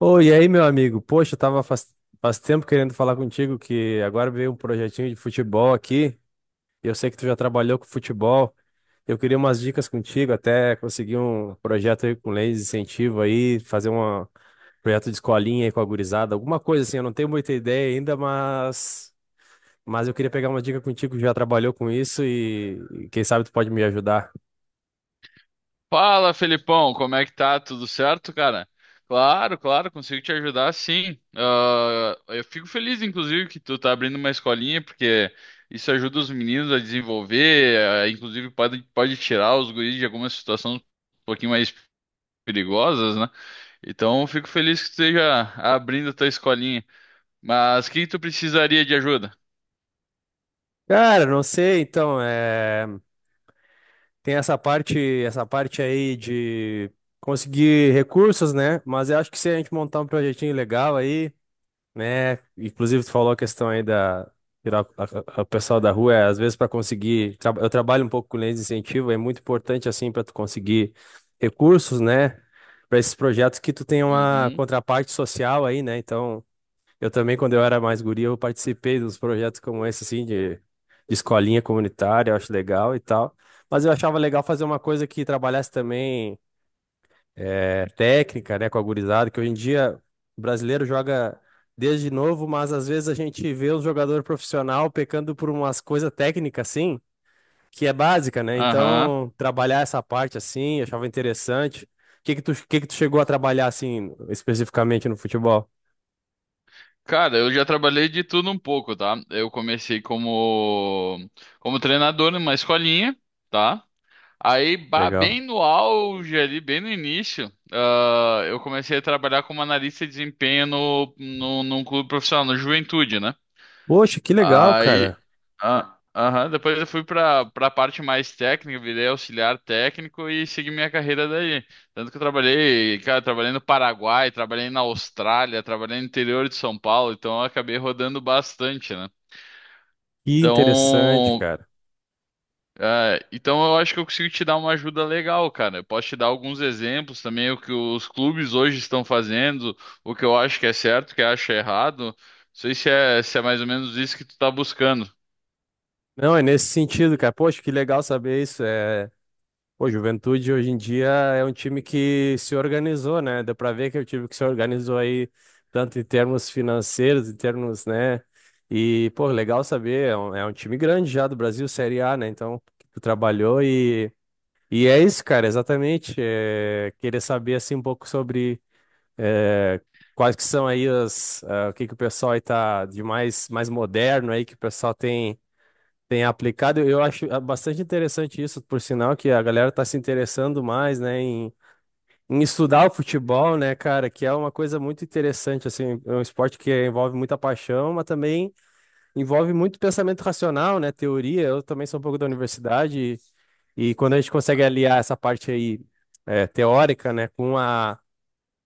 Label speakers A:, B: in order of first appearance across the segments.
A: Oi, e aí, meu amigo? Poxa, eu tava faz tempo querendo falar contigo que agora veio um projetinho de futebol aqui. Eu sei que tu já trabalhou com futebol. Eu queria umas dicas contigo, até conseguir um projeto aí com leis de incentivo aí, fazer um projeto de escolinha aí com a gurizada, alguma coisa assim. Eu não tenho muita ideia ainda, mas eu queria pegar uma dica contigo que já trabalhou com isso e quem sabe tu pode me ajudar.
B: Fala, Felipão, como é que tá? Tudo certo, cara? Claro, claro, consigo te ajudar, sim. Eu fico feliz, inclusive, que tu tá abrindo uma escolinha, porque isso ajuda os meninos a desenvolver, inclusive pode tirar os guris de algumas situações um pouquinho mais perigosas, né? Então, eu fico feliz que tu esteja abrindo a tua escolinha. Mas o que que tu precisaria de ajuda?
A: Cara, não sei, então, é. Tem essa parte aí de conseguir recursos, né? Mas eu acho que se a gente montar um projetinho legal aí, né? Inclusive, tu falou a questão aí da tirar o pessoal da rua, é, às vezes para conseguir. Eu trabalho um pouco com leis de incentivo, é muito importante assim para tu conseguir recursos, né? Para esses projetos que tu tem uma
B: Uhum.
A: contraparte social aí, né? Então. Eu também, quando eu era mais guri, eu participei dos projetos como esse, assim, de escolinha comunitária, eu acho legal e tal. Mas eu achava legal fazer uma coisa que trabalhasse também técnica, né, com a gurizada, que hoje em dia o brasileiro joga desde novo, mas às vezes a gente vê um jogador profissional pecando por umas coisas técnicas, assim, que é básica, né?
B: Aham.
A: Então, trabalhar essa parte, assim, eu achava interessante. O que que tu chegou a trabalhar, assim, especificamente no futebol?
B: Cara, eu já trabalhei de tudo um pouco, tá? Eu comecei como treinador numa escolinha, tá? Aí, bah,
A: Legal.
B: bem no auge ali, bem no início, eu comecei a trabalhar como analista de desempenho num clube profissional, no Juventude, né?
A: Poxa, que legal,
B: Aí,
A: cara.
B: aham, depois eu fui para a parte mais técnica, virei auxiliar técnico e segui minha carreira daí. Tanto que eu trabalhei, cara, trabalhei no Paraguai, trabalhei na Austrália, trabalhei no interior de São Paulo, então eu acabei rodando bastante, né?
A: Que interessante,
B: Então,
A: cara.
B: então, eu acho que eu consigo te dar uma ajuda legal, cara. Eu posso te dar alguns exemplos também, o que os clubes hoje estão fazendo, o que eu acho que é certo, o que eu acho errado. Não sei se é mais ou menos isso que tu tá buscando.
A: Não, é nesse sentido, cara. Poxa, que legal saber isso. É... Pô, Juventude hoje em dia é um time que se organizou, né? Deu pra ver que é um time que se organizou aí, tanto em termos financeiros, em termos, né? E, pô, legal saber. É um time grande já do Brasil, Série A, né? Então, que tu trabalhou e é isso, cara, exatamente. É... Querer saber, assim, um pouco sobre. é, Quais que são aí o que que o pessoal aí tá de mais moderno aí, que o pessoal tem tem aplicado, eu acho bastante interessante isso, por sinal que a galera tá se interessando mais, né, em estudar o futebol, né, cara, que é uma coisa muito interessante, assim, é um esporte que envolve muita paixão, mas também envolve muito pensamento racional, né, teoria, eu também sou um pouco da universidade, e quando a gente consegue aliar essa parte aí teórica, né, com a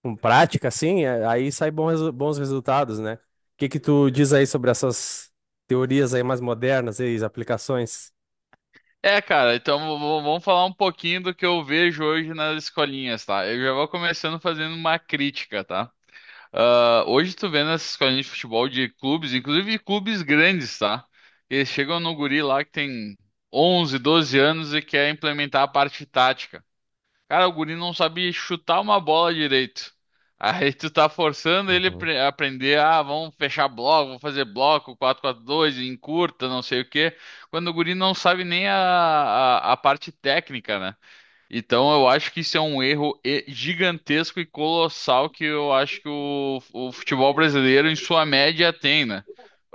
A: com prática, assim, é, aí sai bons resultados, né. O que que tu diz aí sobre essas teorias aí mais modernas e as aplicações?
B: É, cara, então vamos falar um pouquinho do que eu vejo hoje nas escolinhas, tá? Eu já vou começando fazendo uma crítica, tá? Hoje tu vê nas escolinhas de futebol de clubes, inclusive de clubes grandes, tá? Eles chegam no guri lá que tem 11, 12 anos e quer implementar a parte tática. Cara, o guri não sabe chutar uma bola direito. Aí tu tá forçando ele a aprender, vamos fechar bloco, vou fazer bloco, 4-4-2, encurta, não sei o quê. Quando o guri não sabe nem a parte técnica, né? Então eu acho que isso é um erro gigantesco e colossal que eu acho que o futebol brasileiro, em sua média, tem, né?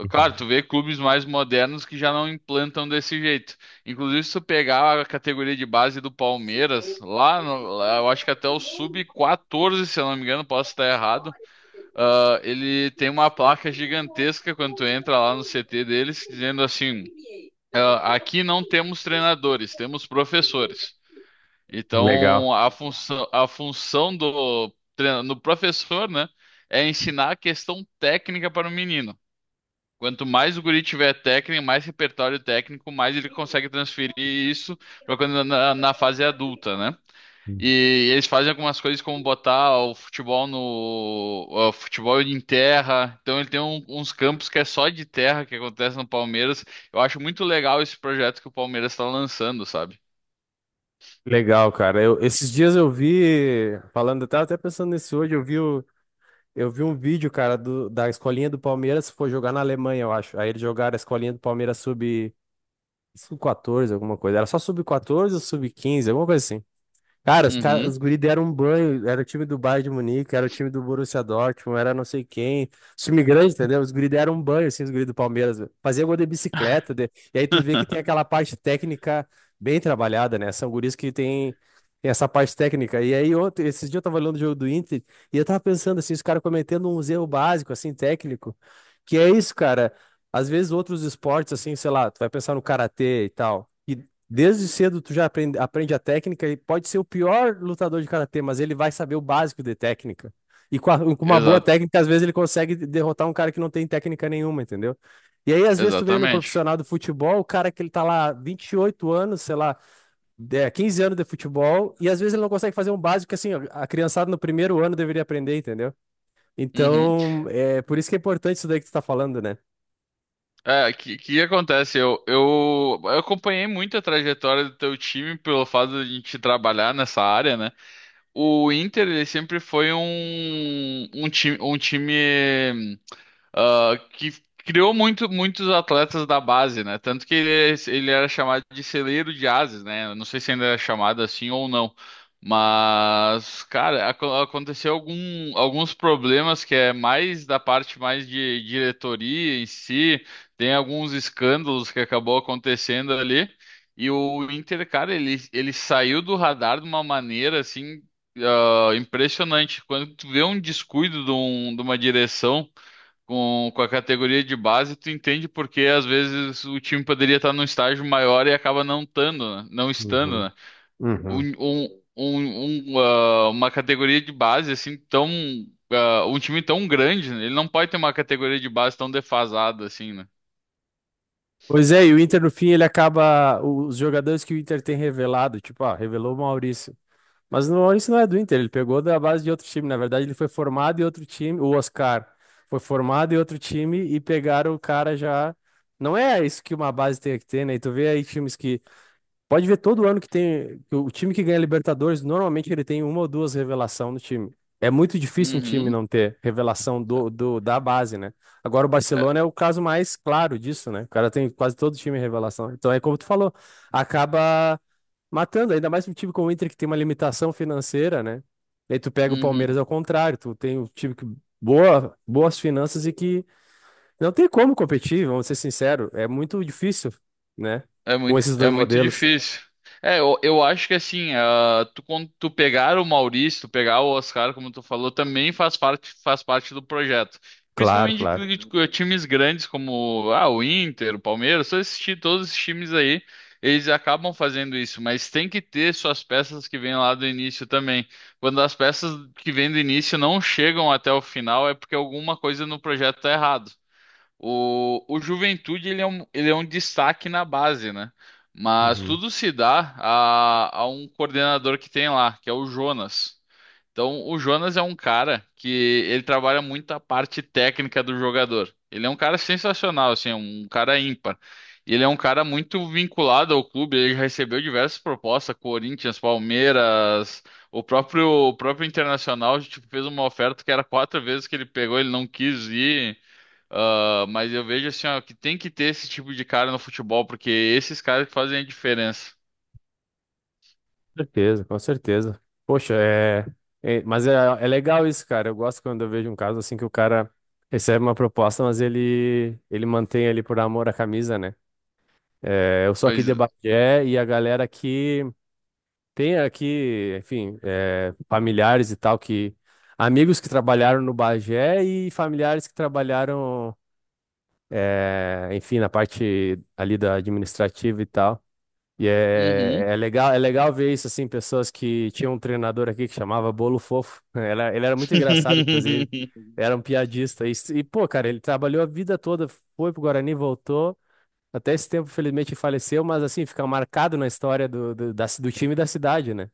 B: Claro, tu vê clubes mais modernos que já não implantam desse jeito. Inclusive, se tu pegar a categoria de base do Palmeiras, lá, no- lá eu acho que até o sub-14, se eu não me engano, posso estar errado, ele tem uma placa gigantesca quando tu entra lá no CT deles, dizendo assim, aqui não temos treinadores, temos professores.
A: Legal.
B: Então, a função do, do professor, né, é ensinar a questão técnica para o menino. Quanto mais o guri tiver técnica, mais repertório técnico, mais ele consegue transferir isso para quando na fase adulta, né? E eles fazem algumas coisas como botar o futebol no o futebol em terra. Então ele tem uns campos que é só de terra que acontece no Palmeiras. Eu acho muito legal esse projeto que o Palmeiras está lançando, sabe?
A: Legal, cara. Esses dias eu eu tava até pensando nisso hoje, eu vi um vídeo, cara, da escolinha do Palmeiras, foi jogar na Alemanha, eu acho. Aí eles jogaram a escolinha do Palmeiras sub 14, alguma coisa. Era só sub 14 ou sub 15 alguma coisa assim. Cara,
B: Uhum.
A: os guri deram um banho. Era o time do Bayern de Munique, era o time do Borussia Dortmund, era não sei quem. Os time grande, entendeu? Os guri deram um banho, assim, os guri do Palmeiras, velho. Fazia gol de bicicleta. E aí tu vê que tem aquela parte técnica bem trabalhada, né? São tem essa parte técnica. E aí, ontem, esses dias eu tava olhando o jogo do Inter e eu tava pensando, assim, os caras cometendo uns erros básicos, assim, técnico. Que é isso, cara. Às vezes outros esportes, assim, sei lá, tu vai pensar no karatê e tal. E desde cedo tu aprende a técnica e pode ser o pior lutador de karatê, mas ele vai saber o básico de técnica. E com uma boa
B: Exato.
A: técnica, às vezes ele consegue derrotar um cara que não tem técnica nenhuma, entendeu? E aí, às vezes, tu vê no
B: Exatamente.
A: profissional do futebol, o cara que ele tá lá 28 anos, sei lá, 15 anos de futebol, e às vezes ele não consegue fazer um básico que, assim, a criançada no primeiro ano deveria aprender, entendeu?
B: Uhum.
A: Então, é por isso que é importante isso daí que tu tá falando, né?
B: É, o que que acontece? Eu acompanhei muito a trajetória do teu time pelo fato de a gente trabalhar nessa área, né? O Inter, ele sempre foi um time. Que criou muitos atletas da base, né? Tanto que ele era chamado de celeiro de ases, né? Eu não sei se ainda é chamado assim ou não. Mas, cara, aconteceu alguns problemas que é mais da parte mais de diretoria em si, tem alguns escândalos que acabou acontecendo ali. E o Inter, cara, ele saiu do radar de uma maneira assim, impressionante. Quando tu vê um descuido de, de uma direção. Com a categoria de base, tu entende porque às vezes o time poderia estar num estágio maior e acaba não estando, né? Não estando,
A: Uhum,
B: né?
A: uhum.
B: Uma categoria de base assim tão, um time tão grande, né? Ele não pode ter uma categoria de base tão defasada assim, né?
A: Pois é, e o Inter no fim ele acaba. Os jogadores que o Inter tem revelado, tipo, ah, revelou o Maurício. Mas o Maurício não é do Inter, ele pegou da base de outro time. Na verdade, ele foi formado em outro time. O Oscar foi formado em outro time e pegaram o cara já. Não é isso que uma base tem que ter, né? E tu vê aí times que pode ver todo ano que tem. O time que ganha Libertadores, normalmente ele tem uma ou duas revelação no time. É muito difícil um time
B: Uhum.
A: não ter revelação da base, né? Agora o Barcelona é
B: É,
A: o caso mais claro disso, né? O cara tem quase todo time revelação. Então é como tu falou, acaba matando, ainda mais um time como o Inter que tem uma limitação financeira, né? E aí tu pega o
B: uhum.
A: Palmeiras ao contrário, tu tem um time que boas finanças e que não tem como competir, vamos ser sinceros, é muito difícil, né?
B: É
A: Com
B: muito,
A: esses
B: é
A: dois
B: muito
A: modelos.
B: difícil. É, eu acho que assim, tu, quando tu pegar o Maurício, tu pegar o Oscar, como tu falou, também faz parte do projeto.
A: Claro,
B: Principalmente
A: claro.
B: de times grandes como o Inter, o Palmeiras, só assistir todos esses times aí, eles acabam fazendo isso, mas tem que ter suas peças que vêm lá do início também. Quando as peças que vêm do início não chegam até o final, é porque alguma coisa no projeto tá errado. O Juventude ele é um destaque na base, né? Mas
A: Uhum.
B: tudo se dá a um coordenador que tem lá, que é o Jonas. Então, o Jonas é um cara que ele trabalha muito a parte técnica do jogador. Ele é um cara sensacional, assim, é um cara ímpar. E ele é um cara muito vinculado ao clube, ele já recebeu diversas propostas, Corinthians, Palmeiras, o próprio Internacional, tipo, fez uma oferta que era quatro vezes que ele pegou, ele não quis ir. Ah, mas eu vejo assim, ó, que tem que ter esse tipo de cara no futebol, porque esses caras que fazem a diferença.
A: Com certeza, com certeza. Poxa, é... Mas é legal isso, cara. Eu gosto quando eu vejo um caso assim que o cara recebe uma proposta, mas ele mantém ali por amor à camisa, né? É, eu sou aqui
B: Pois.
A: de Bagé e a galera aqui tem aqui, enfim, é, familiares e tal, que... Amigos que trabalharam no Bagé e familiares que trabalharam, é, enfim, na parte ali da administrativa e tal. E é,
B: Uhum.
A: é legal ver isso, assim, pessoas que tinham um treinador aqui que chamava Bolo Fofo. Ele era muito engraçado, inclusive. Era um piadista. Pô, cara, ele trabalhou a vida toda, foi pro Guarani, voltou. Até esse tempo, felizmente, faleceu, mas assim, fica marcado na história do time e da cidade, né?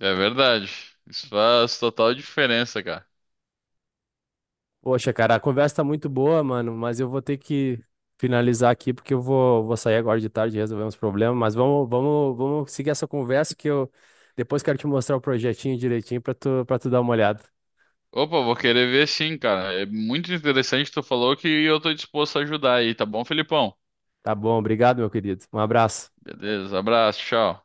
B: É verdade. Isso faz total diferença, cara.
A: Poxa, cara, a conversa tá muito boa, mano, mas eu vou ter que finalizar aqui porque eu vou sair agora de tarde e resolver uns problemas, mas vamos seguir essa conversa que eu depois quero te mostrar o projetinho direitinho para tu dar uma olhada.
B: Opa, vou querer ver sim, cara. É muito interessante, tu falou que eu tô disposto a ajudar aí, tá bom, Felipão?
A: Tá bom, obrigado, meu querido. Um abraço.
B: Beleza, abraço, tchau.